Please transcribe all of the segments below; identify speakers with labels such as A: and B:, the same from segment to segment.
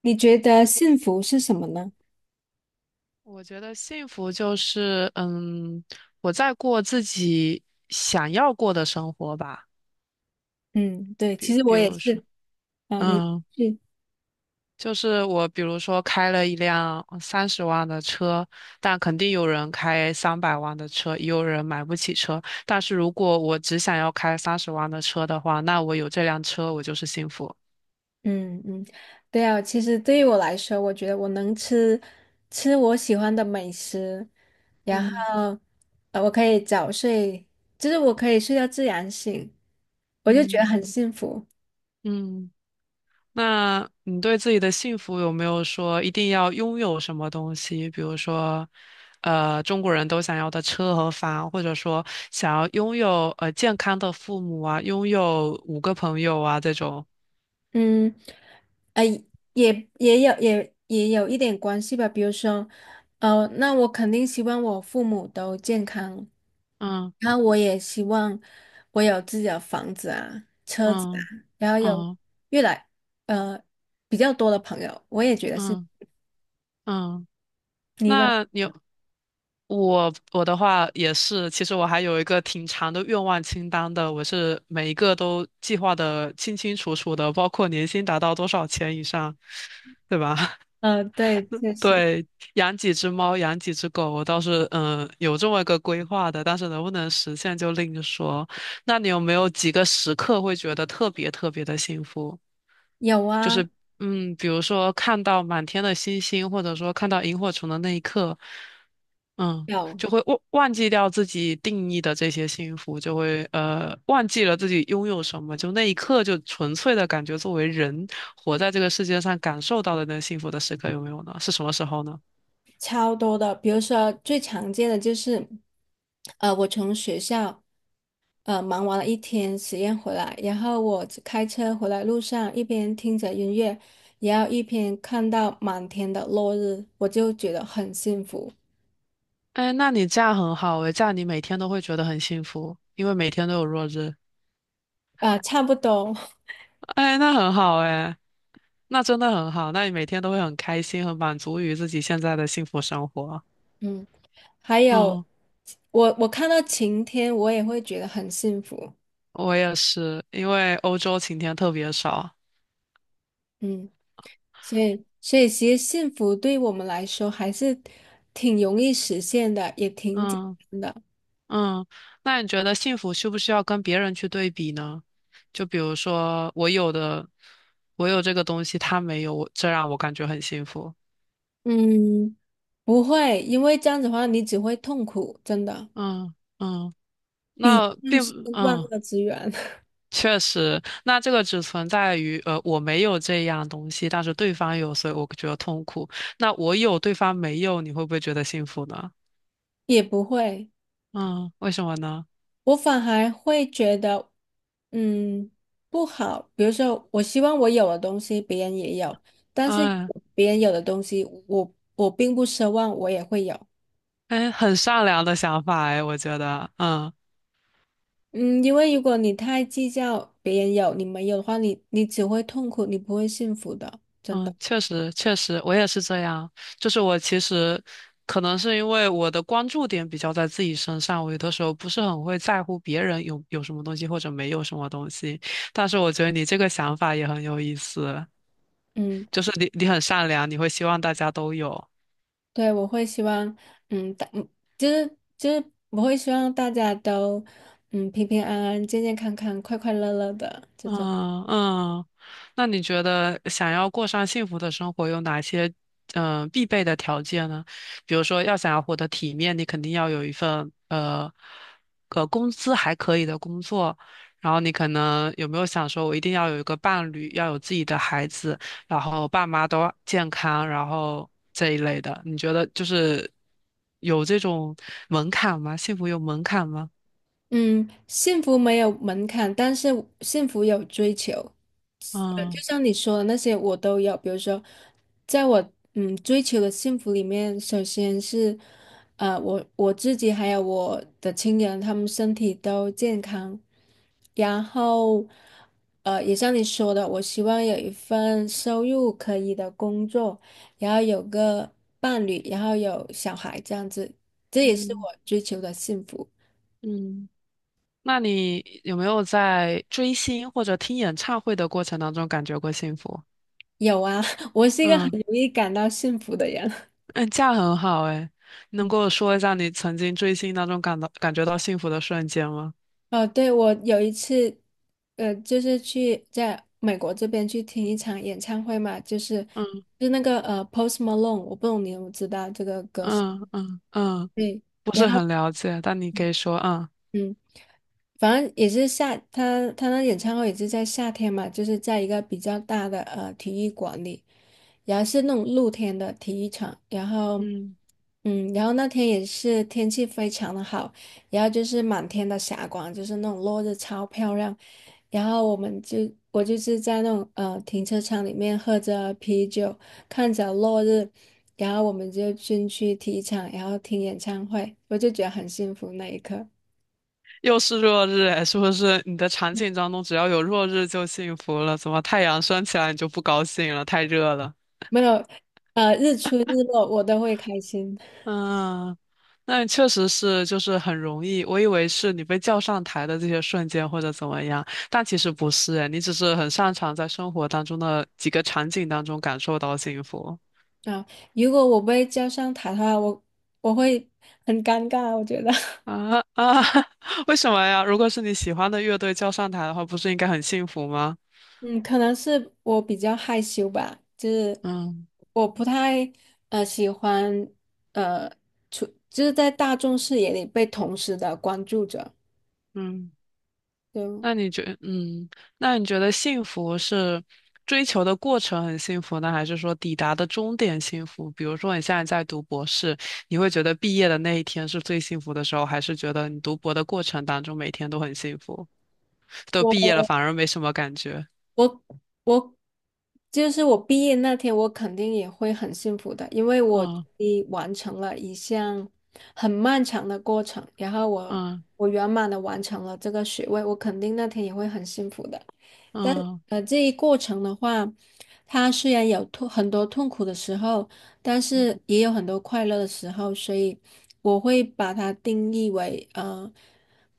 A: 你觉得幸福是什么呢？
B: 我觉得幸福就是，我在过自己想要过的生活吧。
A: 嗯，对，其
B: 比
A: 实
B: 比
A: 我也
B: 如
A: 是。
B: 说，
A: 啊，你
B: 嗯，
A: 是？
B: 就是我比如说开了一辆三十万的车，但肯定有人开300万的车，也有人买不起车。但是如果我只想要开三十万的车的话，那我有这辆车，我就是幸福。
A: 嗯嗯，对啊，其实对于我来说，我觉得我能吃我喜欢的美食，然
B: 嗯
A: 后我可以早睡，就是我可以睡到自然醒，我就觉得
B: 嗯
A: 很幸福。
B: 嗯。那你对自己的幸福有没有说一定要拥有什么东西？比如说，中国人都想要的车和房，或者说想要拥有健康的父母啊，拥有五个朋友啊这种。
A: 嗯，呃，也有一点关系吧。比如说，那我肯定希望我父母都健康，
B: 嗯
A: 然后我也希望我有自己的房子啊、车子啊，
B: 嗯
A: 然后有
B: 嗯
A: 越来呃比较多的朋友，我也觉得是。
B: 嗯嗯。
A: 你呢？
B: 那你有我我的话也是，其实我还有一个挺长的愿望清单的，我是每一个都计划的清清楚楚的，包括年薪达到多少钱以上，对吧？
A: 对，确实。
B: 对，养几只猫，养几只狗，我倒是有这么一个规划的，但是能不能实现就另说。那你有没有几个时刻会觉得特别特别的幸福？
A: 有
B: 就
A: 啊，
B: 是比如说看到满天的星星，或者说看到萤火虫的那一刻，嗯，
A: 有
B: 就会忘记掉自己定义的这些幸福，就会忘记了自己拥有什么，就那一刻就纯粹的感觉，作为人活在这个世界上感受到的那幸福的时刻有没有呢？是什么时候呢？
A: 超多的。比如说最常见的就是，我从学校。忙完了一天实验回来，然后我开车回来路上，一边听着音乐，然后一边看到满天的落日，我就觉得很幸福。
B: 哎，那你这样很好诶，这样你每天都会觉得很幸福，因为每天都有落日。
A: 啊，差不多。
B: 哎，那很好哎，那真的很好，那你每天都会很开心，很满足于自己现在的幸福生活。
A: 嗯，还有
B: 嗯，
A: 我看到晴天，我也会觉得很幸福。
B: 我也是，因为欧洲晴天特别少。
A: 嗯，所以其实幸福对我们来说还是挺容易实现的，也挺简
B: 嗯
A: 单的。
B: 嗯，那你觉得幸福需不需要跟别人去对比呢？就比如说我有的，我有这个东西，他没有，我这让我感觉很幸福。
A: 嗯，不会，因为这样子的话你只会痛苦，真的。
B: 嗯嗯，
A: 比
B: 那
A: 那
B: 并不
A: 是万
B: 。
A: 恶之源。
B: 确实，那这个只存在于我没有这样东西，但是对方有，所以我觉得痛苦。那我有，对方没有，你会不会觉得幸福呢？
A: 也不会。
B: 嗯，为什么呢？
A: 我反而会觉得，嗯，不好。比如说，我希望我有的东西别人也有，但是
B: 嗯，
A: 别人有的东西我并不奢望我也会有。
B: 哎，很善良的想法哎，我觉得，
A: 嗯，因为如果你太计较别人有你没有的话，你只会痛苦，你不会幸福的，真
B: 嗯，
A: 的。
B: 确实确实，我也是这样。就是我其实可能是因为我的关注点比较在自己身上，我有的时候不是很会在乎别人有什么东西或者没有什么东西。但是我觉得你这个想法也很有意思。
A: 嗯。
B: 就是你很善良，你会希望大家都有。
A: 对，我会希望，嗯，大，嗯就是就是我会希望大家都，嗯，平平安安、健健康康、快快乐乐的这种。
B: 嗯嗯，那你觉得想要过上幸福的生活有哪些必备的条件呢？比如说，要想要活得体面，你肯定要有一份工资还可以的工作。然后你可能有没有想说，我一定要有一个伴侣，要有自己的孩子，然后爸妈都健康，然后这一类的。你觉得就是有这种门槛吗？幸福有门槛吗？
A: 嗯，幸福没有门槛，但是幸福有追求。就
B: 嗯。
A: 像你说的那些，我都有。比如说，在我嗯追求的幸福里面，首先是我自己还有我的亲人，他们身体都健康。然后也像你说的，我希望有一份收入可以的工作，然后有个伴侣，然后有小孩，这样子，这也是
B: 嗯
A: 我追求的幸福。
B: 嗯，那你有没有在追星或者听演唱会的过程当中感觉过幸福？
A: 有啊，我是一个很
B: 嗯
A: 容易感到幸福的人。
B: 嗯，这样很好诶，能跟我说一下你曾经追星当中感到感觉到幸福的瞬间吗？
A: 哦，对，我有一次，就是去在美国这边去听一场演唱会嘛，就是
B: 嗯
A: 就是那个Post Malone，我不懂你有没有知道这个歌手。
B: 嗯嗯嗯，
A: 对，
B: 不
A: 然
B: 是
A: 后
B: 很了解，但你可以说啊
A: 嗯，反正也是夏，他那演唱会也是在夏天嘛，就是在一个比较大的体育馆里。然后是那种露天的体育场，然后，
B: 嗯，
A: 嗯，然后那天也是天气非常的好，然后就是满天的霞光，就是那种落日超漂亮，然后我就是在那种停车场里面喝着啤酒，看着落日，然后我们就进去体育场，然后听演唱会，我就觉得很幸福那一刻。
B: 又是落日诶，是不是你的场景当中只要有落日就幸福了？怎么太阳升起来你就不高兴了？太热了。
A: 没有，日出日落我都会开心。
B: 嗯，那确实是，就是很容易。我以为是你被叫上台的这些瞬间或者怎么样，但其实不是诶，你只是很擅长在生活当中的几个场景当中感受到幸福
A: 啊，如果我被叫上台的话，我会很尴尬，我觉得。
B: 啊啊！为什么呀？如果是你喜欢的乐队叫上台的话，不是应该很幸福吗？
A: 嗯，可能是我比较害羞吧，就是
B: 嗯
A: 我不太喜欢呃出，就是在大众视野里被同时的关注着。
B: 嗯。
A: 对。
B: 那你觉，嗯，那你觉得幸福是追求的过程很幸福呢，还是说抵达的终点幸福？比如说你现在在读博士，你会觉得毕业的那一天是最幸福的时候，还是觉得你读博的过程当中每天都很幸福，都毕业了
A: 我
B: 反而没什么感觉？
A: 我我就是我毕业那天，我肯定也会很幸福的，因为我终
B: 嗯
A: 于完成了一项很漫长的过程，然后我
B: 嗯
A: 我圆满的完成了这个学位，我肯定那天也会很幸福的。但
B: 嗯
A: 这一过程的话，它虽然很多痛苦的时候，但是也有很多快乐的时候，所以我会把它定义为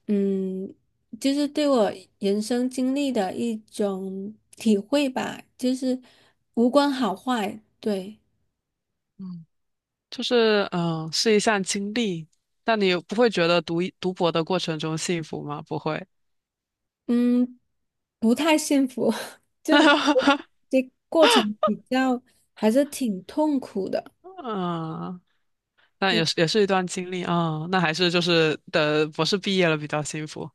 A: 嗯。就是对我人生经历的一种体会吧，就是无关好坏，对，
B: 嗯，就是是一项经历，但你不会觉得读博的过程中幸福吗？不会。
A: 嗯，不太幸福，就 这过程比较还是挺痛苦的，
B: 嗯那
A: 就
B: 也是也是一段经历啊，那还是就是等博士毕业了比较幸福，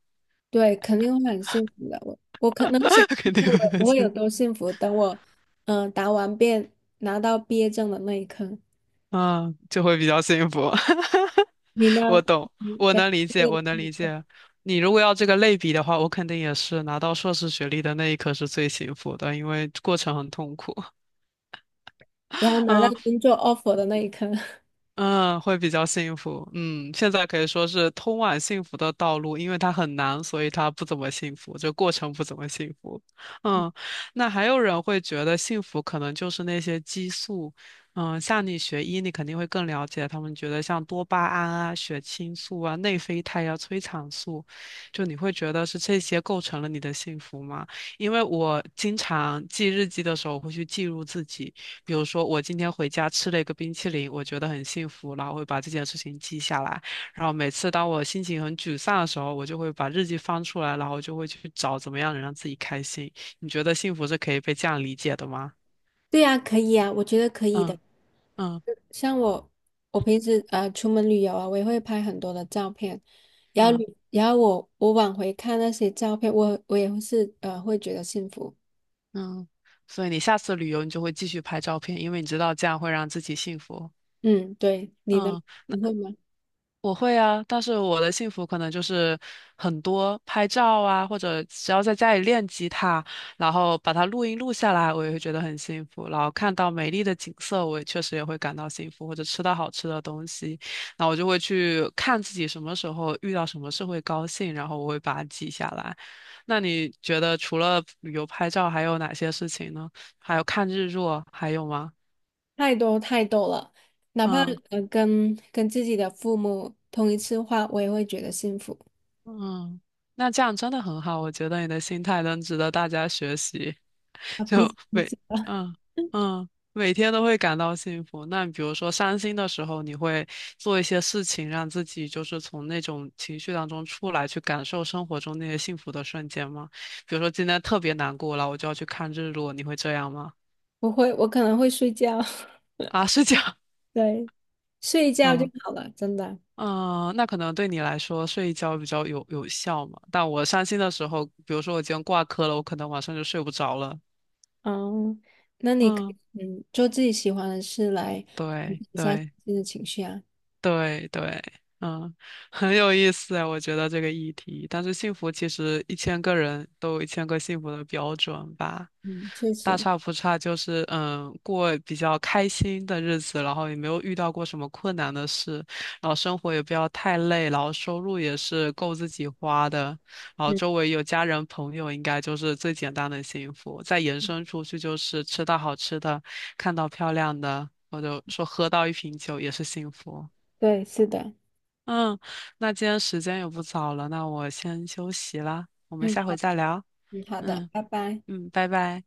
A: 对，肯定会很幸福的。我我可能想
B: 肯定
A: 象
B: 会很
A: 我有
B: 幸
A: 多幸福，等我答完辩拿到毕业证的那一刻，
B: 福啊，就会比较幸福。
A: 你呢？
B: 我懂，
A: 你
B: 我
A: 的
B: 能理
A: 毕
B: 解，
A: 业的
B: 我能
A: 那一
B: 理
A: 刻，
B: 解。你如果要这个类比的话，我肯定也是拿到硕士学历的那一刻是最幸福的，因为过程很痛苦。
A: 然后 拿到
B: 嗯。
A: 工作 offer 的那一刻。
B: 嗯，会比较幸福。嗯，现在可以说是通往幸福的道路，因为它很难，所以它不怎么幸福，就过程不怎么幸福。嗯，那还有人会觉得幸福可能就是那些激素。嗯，像你学医，你肯定会更了解。他们觉得像多巴胺啊、血清素啊、内啡肽啊、催产素，就你会觉得是这些构成了你的幸福吗？因为我经常记日记的时候会去记录自己。比如说，我今天回家吃了一个冰淇淋，我觉得很幸福，然后会把这件事情记下来。然后每次当我心情很沮丧的时候，我就会把日记翻出来，然后就会去找怎么样能让自己开心。你觉得幸福是可以被这样理解的吗？
A: 对呀，可以啊，我觉得可以的。
B: 嗯嗯
A: 像我，我平时出门旅游啊，我也会拍很多的照片，然后
B: 嗯
A: 然后我往回看那些照片，我也会是会觉得幸福。
B: 嗯。所以你下次旅游，你就会继续拍照片，因为你知道这样会让自己幸福。
A: 嗯，对，你呢？
B: 嗯。
A: 你会吗？
B: 我会啊，但是我的幸福可能就是很多拍照啊，或者只要在家里练吉他，然后把它录音录下来，我也会觉得很幸福。然后看到美丽的景色，我也确实也会感到幸福，或者吃到好吃的东西，那我就会去看自己什么时候遇到什么事会高兴，然后我会把它记下来。那你觉得除了旅游拍照，还有哪些事情呢？还有看日落，还有吗？
A: 太多太多了，哪怕
B: 嗯。
A: 跟自己的父母通一次话，我也会觉得幸福。
B: 嗯，那这样真的很好，我觉得你的心态能值得大家学习。
A: 啊，彼
B: 就
A: 此彼
B: 每
A: 此吧。
B: 嗯嗯每天都会感到幸福。那比如说伤心的时候，你会做一些事情，让自己就是从那种情绪当中出来，去感受生活中那些幸福的瞬间吗？比如说今天特别难过了，我就要去看日落，你会这样吗？
A: 不会，我可能会睡觉。
B: 啊，是这样，
A: 对，睡一 觉就
B: 嗯。
A: 好了，真的。
B: 嗯，那可能对你来说睡一觉比较有效嘛。但我伤心的时候，比如说我今天挂科了，我可能晚上就睡不着了。
A: 哦，那你可以
B: 嗯，
A: 做自己喜欢的事来缓
B: 对
A: 解一下自
B: 对，
A: 己的情绪啊。
B: 对对，嗯，很有意思啊，我觉得这个议题。但是幸福其实一千个人都有一千个幸福的标准吧，
A: 嗯，确
B: 大
A: 实。
B: 差不差，就是过比较开心的日子，然后也没有遇到过什么困难的事，然后生活也不要太累，然后收入也是够自己花的，然后
A: 嗯，
B: 周围有家人朋友，应该就是最简单的幸福。再延伸出去就是吃到好吃的，看到漂亮的，或者说喝到一瓶酒也是幸福。
A: 对，是的。
B: 嗯，那今天时间也不早了，那我先休息了，我们
A: 嗯，
B: 下
A: 好，
B: 回再聊。
A: 嗯，好的，
B: 嗯
A: 拜拜。
B: 嗯，拜拜。